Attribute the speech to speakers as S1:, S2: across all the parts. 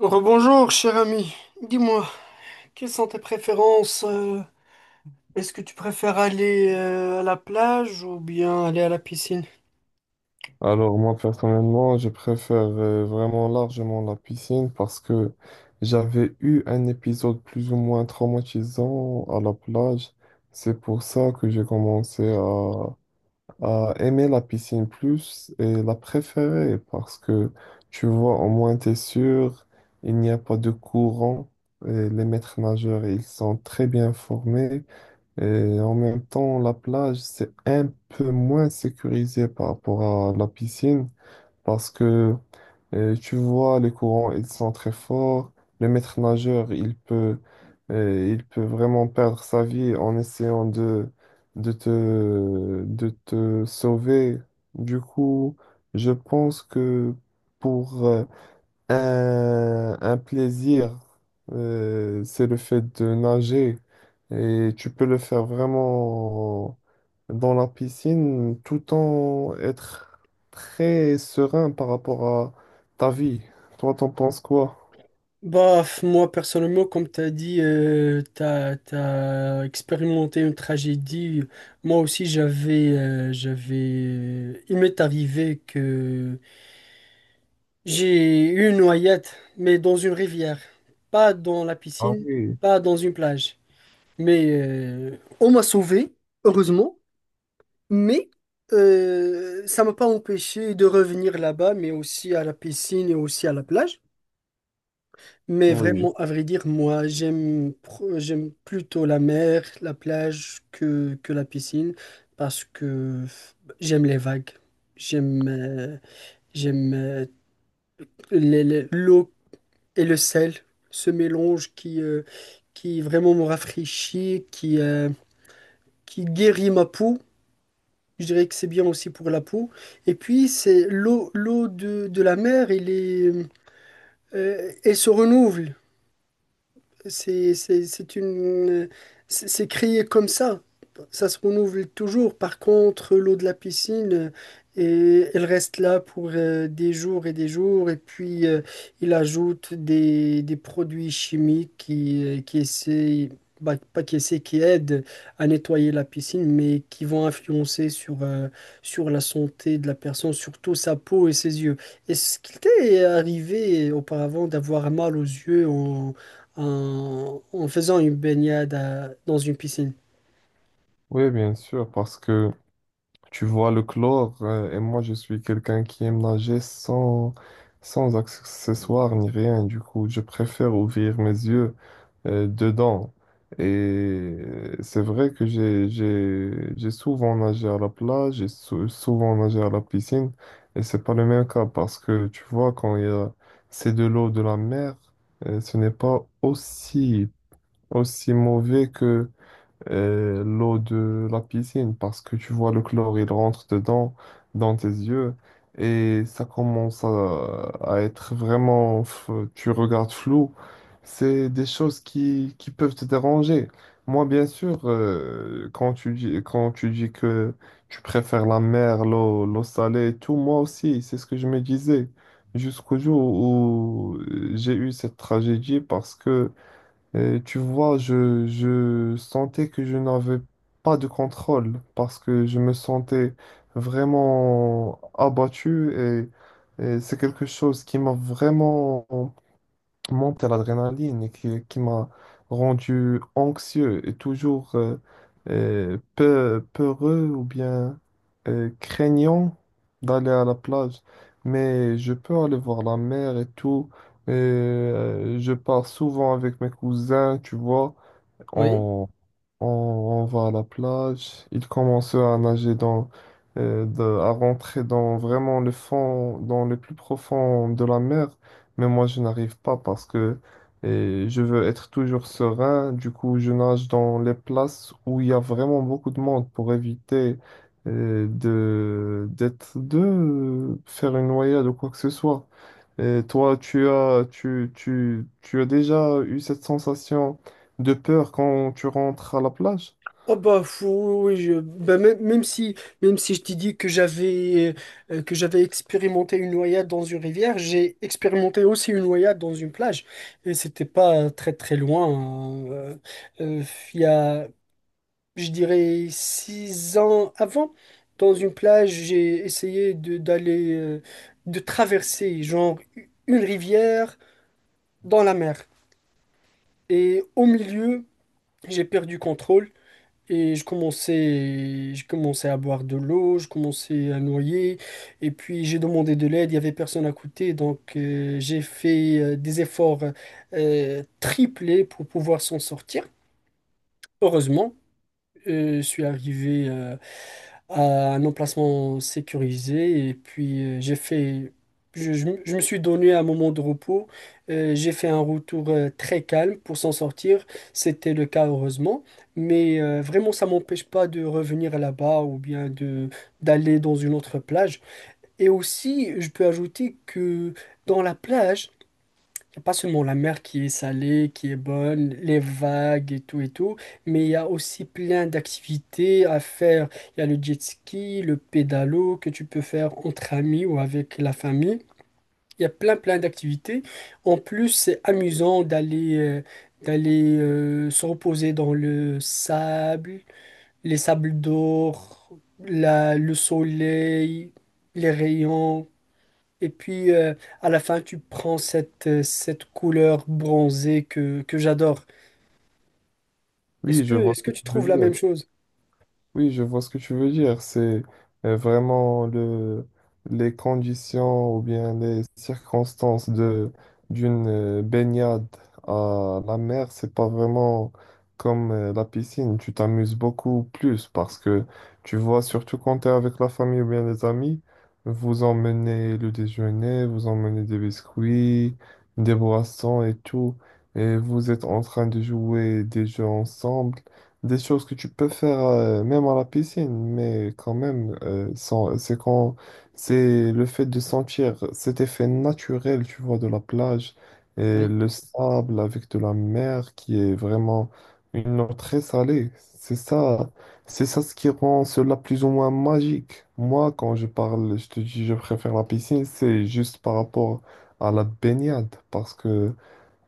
S1: Rebonjour, cher ami. Dis-moi, quelles sont tes préférences? Est-ce que tu préfères aller à la plage ou bien aller à la piscine?
S2: Alors moi personnellement, je préfère vraiment largement la piscine parce que j'avais eu un épisode plus ou moins traumatisant à la plage. C'est pour ça que à aimer la piscine plus et la préférer parce que tu vois, au moins t'es sûr, il n'y a pas de courant. Et les maîtres nageurs, ils sont très bien formés. Et en même temps, la plage, c'est un peu moins sécurisé par rapport à la piscine. Parce que tu vois, les courants, ils sont très forts. Le maître nageur, il peut, Il peut vraiment perdre sa vie en essayant de te sauver. Du coup, je pense que pour un plaisir, c'est le fait de nager. Et tu peux le faire vraiment dans la piscine tout en être très serein par rapport à ta vie. Toi, t'en penses quoi?
S1: Moi personnellement, comme t'as dit, t'as expérimenté une tragédie. Moi aussi, j'avais, il m'est arrivé que j'ai eu une noyade, mais dans une rivière, pas dans la
S2: Ah
S1: piscine,
S2: oui,
S1: pas dans une plage. Mais on m'a sauvé, heureusement, mais ça m'a pas empêché de revenir là-bas, mais aussi à la piscine et aussi à la plage. Mais
S2: oui.
S1: vraiment, à vrai dire, moi, j'aime plutôt la mer, la plage que la piscine, parce que j'aime les vagues, j'aime euh, j'aime l'eau et le sel, ce mélange qui vraiment me rafraîchit, qui guérit ma peau. Je dirais que c'est bien aussi pour la peau. Et puis, c'est l'eau, de la mer, elle est, elle se renouvelle. C'est une, c'est créé comme ça. Ça se renouvelle toujours. Par contre, l'eau de la piscine, elle reste là pour des jours. Et puis, il ajoute des produits chimiques qui essaient, bah, pas qui essaient, qui aident à nettoyer la piscine, mais qui vont influencer sur la santé de la personne, surtout sa peau et ses yeux. Est-ce qu'il t'est arrivé auparavant d'avoir mal aux yeux en faisant une baignade dans une piscine.
S2: Oui, bien sûr, parce que tu vois le chlore, et moi je suis quelqu'un qui aime nager sans, sans accessoires ni rien. Du coup, je préfère ouvrir mes yeux dedans. Et c'est vrai que j'ai souvent nagé à la plage, souvent nagé à la piscine. Et c'est pas le même cas parce que tu vois, quand il y a, c'est de l'eau de la mer, ce n'est pas aussi, aussi mauvais l'eau de la piscine parce que tu vois le chlore, il rentre dedans, dans tes yeux, et à être vraiment, tu regardes flou. C'est des choses qui peuvent te déranger. Moi, bien sûr, quand tu dis que tu préfères la mer, l'eau, l'eau salée et tout, moi aussi, c'est ce que je me disais. Jusqu'au jour où j'ai eu cette tragédie parce que et tu vois, je sentais que je n'avais pas de contrôle parce que je me sentais vraiment et c'est quelque chose qui m'a vraiment monter l'adrénaline et qui m'a rendu anxieux et peureux ou bien craignant d'aller à la plage. Mais je peux aller voir la mer et tout. Et, je pars souvent avec mes cousins, tu vois.
S1: Oui.
S2: On va à la plage. Ils commencent à à rentrer dans vraiment le fond, dans le plus profond de la mer. Mais moi, je n'arrive pas parce que je veux être toujours serein. Du coup, je nage dans les places où il y a vraiment beaucoup de monde pour éviter de faire une noyade ou quoi que ce soit. Et toi, tu as déjà eu cette sensation? De peur quand tu rentres à la plage?
S1: Oh bah fou, oui, même, même si je t'ai dit que j'avais expérimenté une noyade dans une rivière, j'ai expérimenté aussi une noyade dans une plage et c'était pas très très loin, hein. Euh, il y a, je dirais, 6 ans avant, dans une plage, j'ai essayé de d'aller de traverser genre une rivière dans la mer, et au milieu j'ai perdu contrôle et je commençais à boire de l'eau, je commençais à noyer. Et puis j'ai demandé de l'aide, il n'y avait personne à côté. Donc j'ai fait des efforts triplés pour pouvoir s'en sortir. Heureusement, je suis arrivé à un emplacement sécurisé. Et puis, j'ai fait, je me suis donné un moment de repos. J'ai fait un retour très calme pour s'en sortir. C'était le cas, heureusement. Mais vraiment, ça m'empêche pas de revenir là-bas ou bien de d'aller dans une autre plage. Et aussi, je peux ajouter que dans la plage, pas seulement la mer qui est salée, qui est bonne, les vagues et tout, mais il y a aussi plein d'activités à faire. Il y a le jet ski, le pédalo que tu peux faire entre amis ou avec la famille. Il y a plein plein d'activités. En plus, c'est amusant d'aller se reposer dans le sable, les sables d'or, le soleil, les rayons. Et puis à la fin, tu prends cette couleur bronzée que j'adore.
S2: Oui, je vois
S1: Est-ce que
S2: ce que tu
S1: tu
S2: veux
S1: trouves la
S2: dire.
S1: même chose?
S2: Oui, je vois ce que tu veux dire. C'est euh, vraiment le, les conditions ou bien les circonstances de d'une baignade à la mer, c'est pas vraiment comme la piscine. Tu t'amuses beaucoup plus parce que tu vois, surtout quand tu es avec la famille ou bien les amis, vous emmenez le déjeuner, vous emmenez des biscuits, des boissons et tout, et vous êtes en train de jouer des jeux ensemble, des choses que tu peux faire même à la piscine, mais quand même, c'est quand c'est le fait de sentir cet effet naturel, tu vois, de la plage et
S1: Oui.
S2: le sable avec de la mer qui est vraiment une eau très salée. C'est ça ce qui rend cela plus ou moins magique. Moi, quand je parle, je te dis, je préfère la piscine, c'est juste par rapport à la baignade, parce que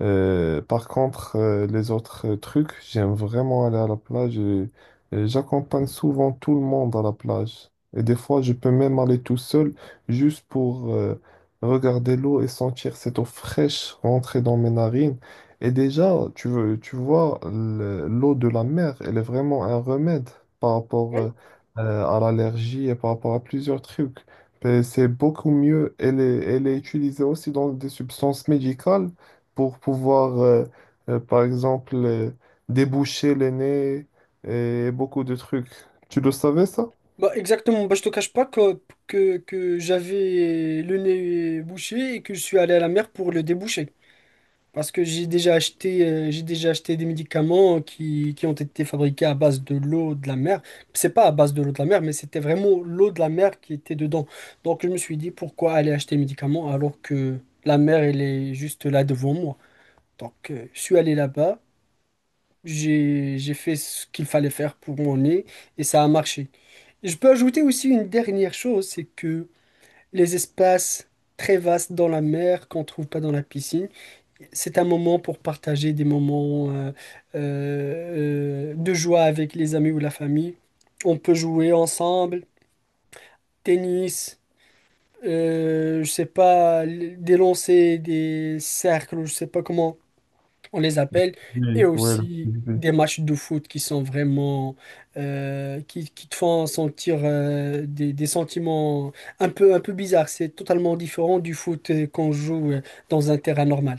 S2: par contre, les autres trucs, j'aime vraiment aller à la plage, et j'accompagne souvent tout le monde à la plage. Et des fois, je peux même aller tout seul juste pour regarder l'eau et sentir cette eau fraîche rentrer dans mes narines. Et déjà, tu veux, tu vois, l'eau de la mer, elle est vraiment un remède par rapport
S1: Oui.
S2: euh, euh, à l'allergie et par rapport à plusieurs trucs. Et c'est beaucoup mieux. Elle est utilisée aussi dans des substances médicales pour pouvoir, par exemple, déboucher le nez et beaucoup de trucs. Tu le savais, ça?
S1: Bah, exactement. Bah, je te cache pas que j'avais le nez bouché et que je suis allé à la mer pour le déboucher. Parce que j'ai déjà acheté des médicaments qui ont été fabriqués à base de l'eau de la mer. C'est pas à base de l'eau de la mer, mais c'était vraiment l'eau de la mer qui était dedans. Donc je me suis dit, pourquoi aller acheter des médicaments alors que la mer, elle est juste là devant moi. Donc je suis allé là-bas, j'ai fait ce qu'il fallait faire pour mon nez et ça a marché. Je peux ajouter aussi une dernière chose, c'est que les espaces très vastes dans la mer qu'on trouve pas dans la piscine, c'est un moment pour partager des moments de joie avec les amis ou la famille. On peut jouer ensemble, tennis, je sais pas, des lancers, des cercles, je sais pas comment on les appelle, et
S2: Oui, ouais,
S1: aussi
S2: l'activité.
S1: des matchs de foot qui sont vraiment qui te font sentir des sentiments un peu bizarres. C'est totalement différent du foot qu'on joue dans un terrain normal.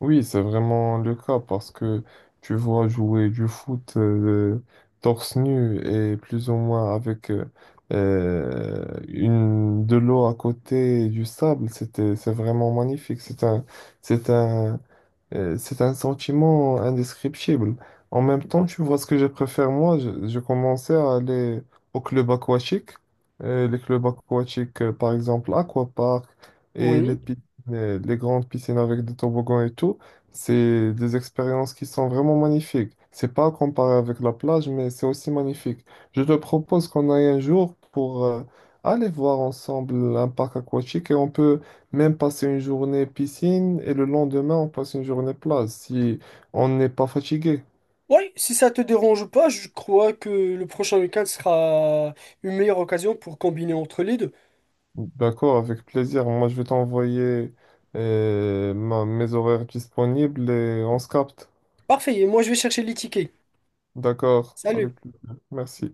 S2: Oui, c'est vraiment le cas parce que tu vois jouer du foot torse nu et plus ou moins avec de l'eau à côté et du sable, c'est vraiment magnifique. C'est un, C'est un sentiment indescriptible. En même temps, tu vois ce que je préfère, moi, je commençais à aller au club aquatique. Les clubs aquatiques, par exemple, Aquapark et les
S1: Oui.
S2: piscines, les grandes piscines avec des toboggans et tout, c'est des expériences qui sont vraiment magnifiques. C'est pas comparé avec la plage, mais c'est aussi magnifique. Je te propose qu'on aille un jour pour aller voir ensemble un parc aquatique et on peut même passer une journée piscine et le lendemain, on passe une journée plage si on n'est pas fatigué.
S1: Oui, si ça te dérange pas, je crois que le prochain week-end sera une meilleure occasion pour combiner entre les deux.
S2: D'accord, avec plaisir. Moi, je vais t'envoyer mes horaires disponibles et on se capte.
S1: Parfait, et moi je vais chercher les tickets.
S2: D'accord, avec
S1: Salut.
S2: plaisir. Merci.